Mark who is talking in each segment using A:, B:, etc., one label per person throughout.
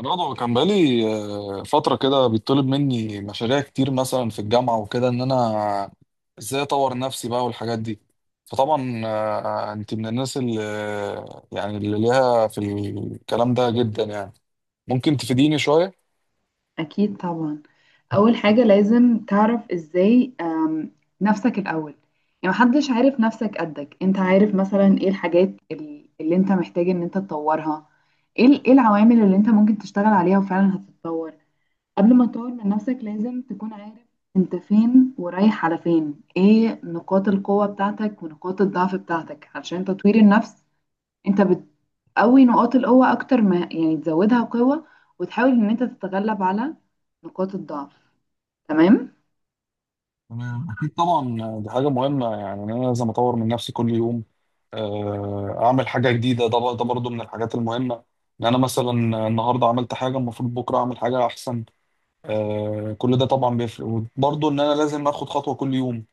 A: رضا كان بقالي فترة كده بيطلب مني مشاريع كتير مثلا في الجامعة وكده إن أنا إزاي أطور نفسي بقى والحاجات دي. فطبعا أنت من الناس اللي يعني اللي ليها في الكلام ده جدا يعني ممكن تفيديني شوية؟
B: أكيد طبعا. أول حاجة لازم تعرف إزاي نفسك الأول، يعني محدش عارف نفسك قدك. أنت عارف مثلا إيه الحاجات اللي أنت محتاج إن أنت تطورها، إيه إيه العوامل اللي أنت ممكن تشتغل عليها وفعلا هتتطور. قبل ما تطور من نفسك لازم تكون عارف أنت فين ورايح على فين، إيه نقاط القوة بتاعتك ونقاط الضعف بتاعتك. علشان تطوير النفس انت بتقوي نقاط القوة اكتر، ما يعني تزودها قوة وتحاول ان انت تتغلب على نقاط الضعف. تمام.
A: تمام أكيد طبعا، دي حاجة مهمة يعني إن أنا لازم أطور من نفسي كل يوم. أعمل حاجة جديدة، ده برضه من الحاجات المهمة إن أنا مثلا النهاردة عملت حاجة المفروض بكرة أعمل حاجة أحسن. آه، كل ده طبعا بيفرق وبرضه ان انا لازم اخد خطوه كل يوم.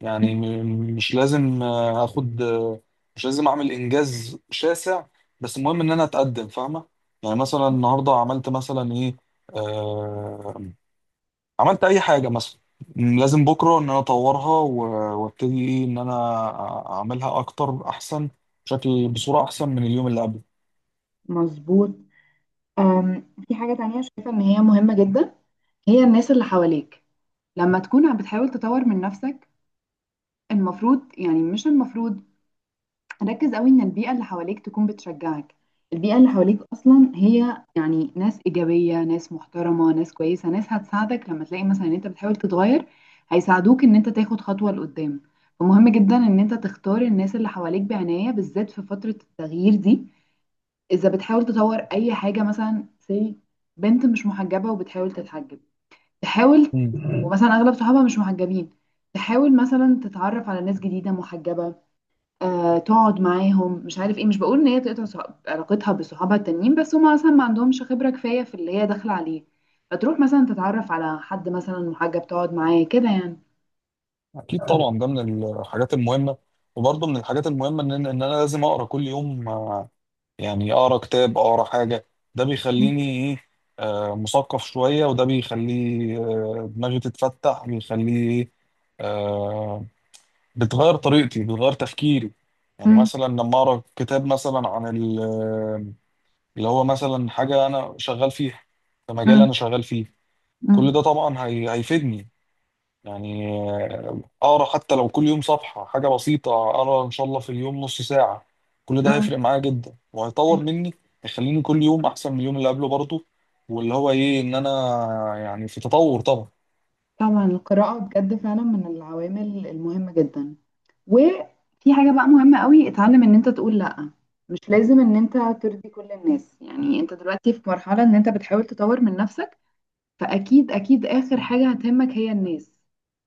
A: يعني مش لازم آه، اخد آه، مش لازم اعمل انجاز شاسع، بس المهم ان انا اتقدم، فاهمه. يعني مثلا النهارده عملت مثلا ايه، آه عملت اي حاجه مثلا، لازم بكره ان انا اطورها وابتدي ايه ان انا اعملها اكتر احسن، بشكل بصوره احسن من اليوم اللي قبله.
B: مظبوط. في حاجة تانية شايفة ان هي مهمة جدا، هي الناس اللي حواليك. لما تكون عم بتحاول تطور من نفسك المفروض، يعني مش المفروض، ركز قوي ان البيئة اللي حواليك تكون بتشجعك. البيئة اللي حواليك اصلا هي يعني ناس ايجابية، ناس محترمة، ناس كويسة، ناس هتساعدك. لما تلاقي مثلا ان انت بتحاول تتغير هيساعدوك ان انت تاخد خطوة لقدام. فمهم جدا ان انت تختار الناس اللي حواليك بعناية، بالذات في فترة التغيير دي. اذا بتحاول تطور اي حاجة، مثلا سي بنت مش محجبة وبتحاول تتحجب، تحاول،
A: مم.
B: ومثلا اغلب صحابها مش محجبين، تحاول مثلا تتعرف على ناس جديدة محجبة، تقعد معاهم مش عارف ايه. مش بقول ان هي تقطع علاقتها بصحابها التانيين، بس هما مثلا ما عندهمش خبرة كفاية في اللي هي داخلة عليه، فتروح مثلا تتعرف على حد مثلا محجب تقعد معاه كده يعني.
A: اكيد طبعا ده من الحاجات المهمه، وبرضه من الحاجات المهمه ان ان انا لازم اقرا كل يوم. يعني اقرا كتاب، اقرا حاجه. ده بيخليني ايه، مثقف شويه، وده بيخليه دماغي تتفتح، بيخليه ايه، آه، بتغير طريقتي، بتغير تفكيري. يعني
B: مم،
A: مثلا لما اقرا كتاب مثلا عن اللي هو مثلا حاجه انا شغال فيها، في مجال
B: مم،
A: انا شغال فيه. كل
B: مم،
A: ده طبعا هيفيدني. يعني اقرا حتى لو كل يوم صفحه، حاجه بسيطه، اقرا ان شاء الله في اليوم نص ساعه. كل ده
B: مم.
A: هيفرق معايا جدا، وهيطور مني، يخليني كل يوم احسن من اليوم اللي قبله. برضه واللي هو ايه ان انا يعني في تطور طبعا.
B: طبعا القراءة بجد فعلا من العوامل المهمة جدا. وفي حاجة بقى مهمة قوي، اتعلم ان انت تقول لأ. مش لازم ان انت ترضي كل الناس، يعني انت دلوقتي في مرحلة ان انت بتحاول تطور من نفسك، فأكيد أكيد آخر حاجة هتهمك هي الناس.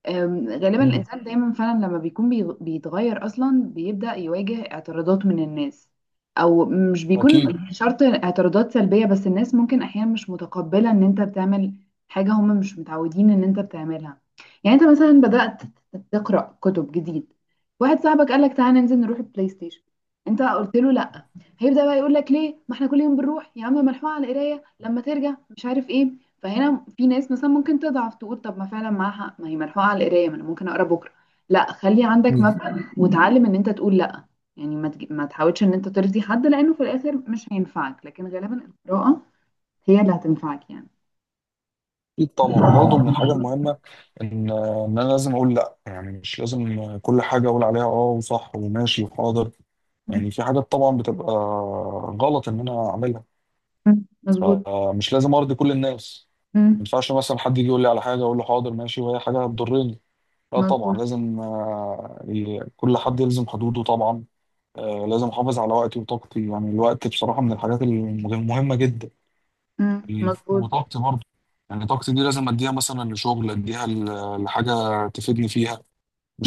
B: غالبا
A: امم،
B: الإنسان دايما فعلا لما بيكون بيتغير أصلا بيبدأ يواجه اعتراضات من الناس، أو مش بيكون
A: اكيد.
B: شرط اعتراضات سلبية، بس الناس ممكن أحيانا مش متقبلة إن أنت بتعمل حاجة هم مش متعودين إن أنت بتعملها. يعني أنت مثلا بدأت تقرأ كتب جديد، واحد صاحبك قالك تعالى ننزل نروح البلاي ستيشن، أنت قلت له لأ، هيبدأ بقى يقول لك ليه، ما احنا كل يوم بنروح يا عم، ملحوقة على القراية لما ترجع مش عارف ايه. فهنا في ناس مثلا ممكن تضعف تقول طب ما فعلا معاها حق، ما هي ملحوقه على القرايه، ما انا ممكن اقرا بكره. لا، خلي عندك
A: أمم.
B: مبدأ وتعلم ان انت تقول لا. يعني ما تحاولش ان انت ترضي حد، لانه في الاخر مش هينفعك، لكن غالبا القراءه هي اللي هتنفعك يعني.
A: اكيد طبعا، وبرضه من الحاجه المهمه ان ان انا لازم اقول لا. يعني مش لازم كل حاجه اقول عليها اه وصح وماشي وحاضر. يعني في حاجات طبعا بتبقى غلط ان انا اعملها،
B: مم. مظبوط.
A: فمش لازم ارضي كل الناس. ما
B: مم.
A: ينفعش مثلا حد يجي يقول لي على حاجه اقول له حاضر ماشي وهي حاجه هتضرني. لا طبعا،
B: مظبوط.
A: لازم كل حد يلزم حدوده طبعا. لازم احافظ على وقتي وطاقتي. يعني الوقت بصراحه من الحاجات المهمه جدا،
B: مم. مظبوط.
A: وطاقتي برضه. يعني طاقتي دي لازم اديها مثلا لشغل، اديها لحاجه تفيدني فيها.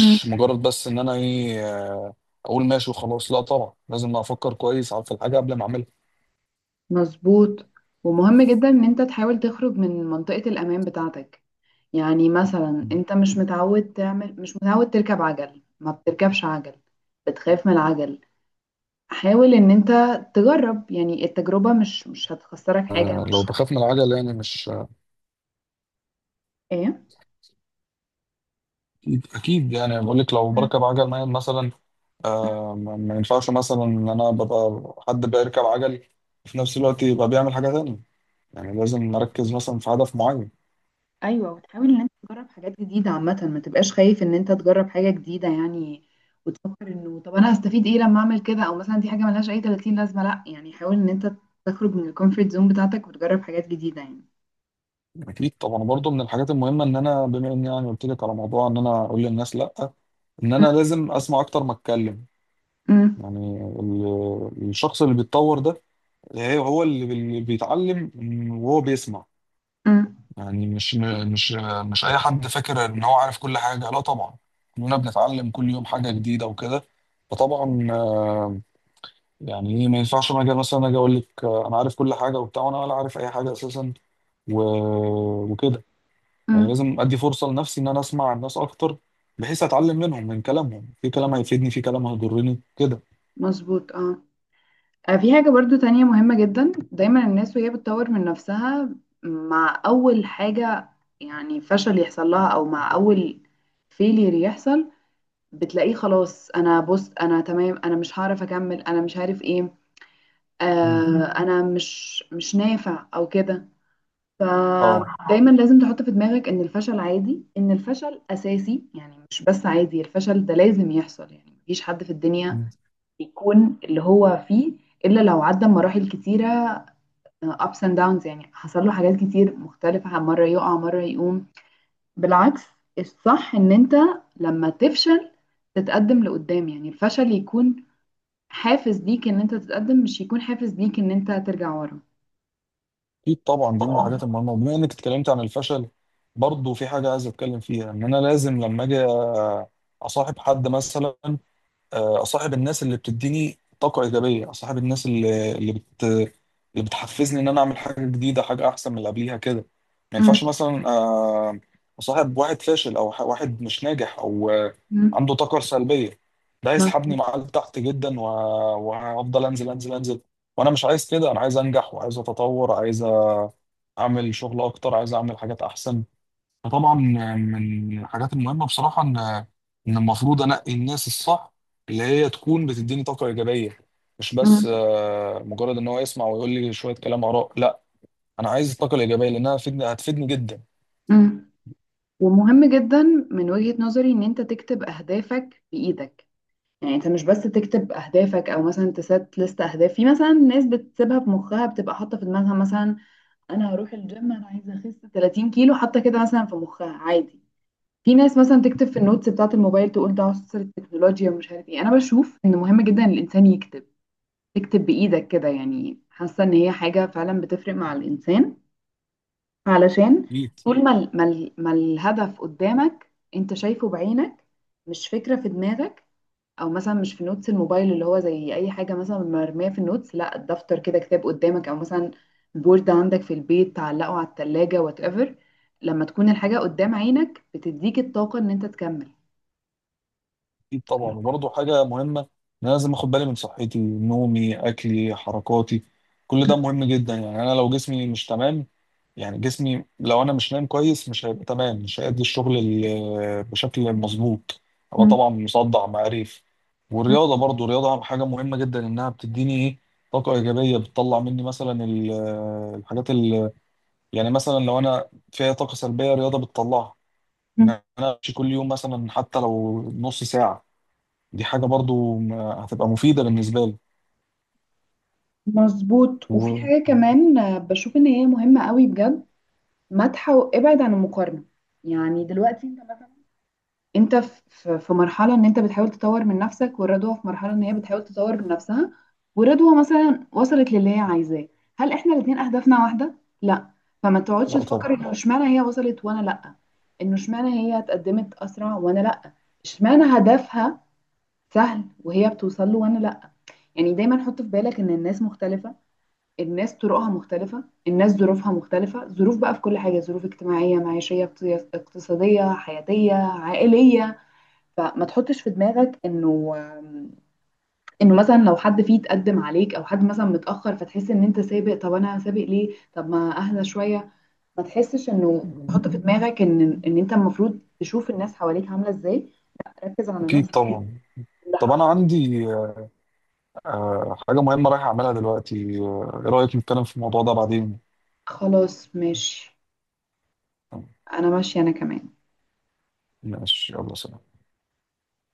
B: مم.
A: مجرد بس ان انا ايه، اقول ماشي وخلاص. لا طبعا، لازم افكر كويس على في الحاجه قبل ما اعملها.
B: مظبوط. ومهم جدا ان انت تحاول تخرج من منطقة الامان بتاعتك. يعني مثلا انت مش متعود تعمل، مش متعود تركب عجل، ما بتركبش عجل، بتخاف من العجل، حاول ان انت تجرب. يعني التجربة مش هتخسرك حاجة
A: لو
B: مش،
A: بخاف من العجل يعني مش،
B: ايه؟
A: اكيد أكيد. يعني بقول لك لو بركب عجل نايم مثلا، آه ما ينفعش مثلا ان انا ببقى حد بيركب عجل وفي نفس الوقت يبقى بيعمل حاجه تانية. يعني لازم اركز مثلا في هدف معين.
B: ايوه، وتحاول ان انت تجرب حاجات جديده عامه، ما تبقاش خايف ان انت تجرب حاجه جديده يعني. وتفكر انه طب انا هستفيد ايه لما اعمل كده، او مثلا دي حاجه ملهاش اي 30 لازمه. لا يعني حاول ان انت تخرج من الكومفورت زون بتاعتك وتجرب حاجات جديده يعني.
A: اكيد طبعا، برضو من الحاجات المهمه ان انا بما اني يعني قلت لك على موضوع ان انا اقول للناس لا، ان انا لازم اسمع اكتر ما اتكلم.
B: أم،
A: يعني الشخص اللي بيتطور ده هو اللي بيتعلم وهو بيسمع.
B: أم،
A: يعني مش مش اي حد فاكر ان هو عارف كل حاجه، لا طبعا. كلنا بنتعلم كل يوم حاجه جديده وكده. فطبعا يعني ايه، ما ينفعش انا اجي مثلا اقول لك انا عارف كل حاجه وبتاع وانا ولا عارف اي حاجه اساسا و... وكده. يعني
B: أم،
A: لازم ادي فرصه لنفسي ان انا اسمع الناس اكتر، بحيث اتعلم منهم، من كلامهم، في كلام هيفيدني، في كلام هيضرني كده.
B: مظبوط اه. في حاجة برضو تانية مهمة جدا، دايما الناس وهي بتطور من نفسها مع أول حاجة يعني فشل يحصل لها، أو مع أول فيلير يحصل بتلاقيه خلاص، انا بص انا تمام انا مش هعرف اكمل انا مش عارف ايه.
A: مم.
B: مم. انا مش نافع او كده.
A: اه،
B: فدايما لازم تحط في دماغك ان الفشل عادي، ان الفشل اساسي، يعني مش بس عادي، الفشل ده لازم يحصل. يعني مفيش حد في الدنيا يكون اللي هو فيه الا لو عدى مراحل كتيره، ups and downs، يعني حصل له حاجات كتير مختلفه، مره يقع مره يقوم. بالعكس، الصح ان انت لما تفشل تتقدم لقدام، يعني الفشل يكون حافز ليك ان انت تتقدم، مش هيكون حافز ليك ان انت ترجع ورا.
A: اكيد طبعا دي من الحاجات المهمه. وبما انك اتكلمت عن الفشل، برضه في حاجه عايز اتكلم فيها ان انا لازم لما اجي اصاحب حد مثلا، اصاحب الناس اللي بتديني طاقه ايجابيه، اصاحب الناس اللي اللي بتحفزني ان انا اعمل حاجه جديده، حاجه احسن من اللي قبليها كده. ما
B: مم.
A: ينفعش مثلا اصاحب واحد فاشل او واحد مش ناجح او
B: مم.
A: عنده طاقه سلبيه. ده هيسحبني
B: مظبوط.
A: معاه لتحت جدا، و- وهفضل انزل انزل انزل. وانا مش عايز كده، انا عايز انجح، وعايز اتطور، عايز اعمل شغل اكتر، عايز اعمل حاجات احسن. فطبعا من الحاجات المهمه بصراحه ان المفروض انقي الناس الصح، اللي هي تكون بتديني طاقه ايجابيه. مش بس
B: مم.
A: مجرد ان هو يسمع ويقول لي شويه كلام، اراء، لا. انا عايز الطاقه الايجابيه لانها هتفيدني، هتفيدني جدا.
B: مم. ومهم جدا من وجهة نظري ان انت تكتب اهدافك بايدك. يعني انت مش بس تكتب اهدافك، او مثلا تسات لست اهداف، في مثلا ناس بتسيبها في مخها، بتبقى حاطه في دماغها مثلا انا هروح الجيم انا عايزه اخس 30 كيلو، حاطه كده مثلا في مخها عادي. في ناس مثلا تكتب في النوتس بتاعه الموبايل تقول ده عصر التكنولوجيا ومش عارف ايه. انا بشوف ان مهم جدا الانسان يكتب، تكتب بإيدك كده، يعني حاسة إن هي حاجة فعلا بتفرق مع الإنسان. علشان
A: أكيد.
B: طول ما ما الهدف قدامك أنت شايفه بعينك، مش فكرة في دماغك، أو مثلا مش في نوتس الموبايل اللي هو زي أي حاجة مثلا مرمية في النوتس. لا، الدفتر كده، كتاب قدامك، أو مثلا بورد عندك في البيت تعلقه على التلاجة وات ايفر. لما تكون الحاجة قدام عينك بتديك الطاقة إن أنت تكمل.
A: اكيد طبعا، وبرضه حاجه مهمه ان انا لازم اخد بالي من صحتي، نومي، اكلي، حركاتي. كل ده مهم جدا. يعني انا لو جسمي مش تمام، يعني جسمي لو انا مش نايم كويس، مش هيبقى تمام، مش هيأدي الشغل بشكل مظبوط. هبقى طبعا مصدع معرف. والرياضه برضو، الرياضه حاجه مهمه جدا، انها بتديني ايه، طاقه ايجابيه، بتطلع مني مثلا الحاجات ال، يعني مثلا لو انا فيها طاقه سلبيه الرياضه بتطلعها. ان انا امشي كل يوم مثلا حتى لو نص ساعه، دي حاجة برضو هتبقى مفيدة بالنسبة لي.
B: مظبوط. وفي
A: و...
B: حاجة كمان، بشوف ان هي مهمة قوي بجد، مدح وابعد عن المقارنة. يعني دلوقتي انت مثلا، انت في مرحلة ان انت بتحاول تطور من نفسك، والرضوى في مرحلة ان هي بتحاول تطور من نفسها، ورضوى مثلا وصلت للي هي عايزاه. هل احنا الاتنين اهدافنا واحدة؟ لا. فما تقعدش
A: لا طبعا،
B: تفكر انه اشمعنى هي وصلت وانا لا، انه اشمعنى هي اتقدمت اسرع وانا لا، اشمعنى هدفها سهل وهي بتوصل له وانا لا. يعني دايما حط في بالك ان الناس مختلفة، الناس طرقها مختلفة، الناس ظروفها مختلفة، ظروف بقى في كل حاجة، ظروف اجتماعية معيشية اقتصادية حياتية عائلية. فما تحطش في دماغك انه، انه مثلا لو حد فيه تقدم عليك او حد مثلا متأخر فتحس ان انت سابق، طب انا سابق ليه، طب ما اهدى شوية. ما تحسش انه تحط في دماغك ان ان انت المفروض تشوف الناس حواليك عاملة ازاي، ركز على
A: أكيد
B: نفسك
A: طبعا. طب
B: لحد-
A: أنا عندي حاجة مهمة رايح أعملها دلوقتي. إيه رأيك نتكلم في الموضوع ده بعدين؟
B: خلاص ماشي، انا ماشية انا كمان.
A: ماشي، يلا سلام.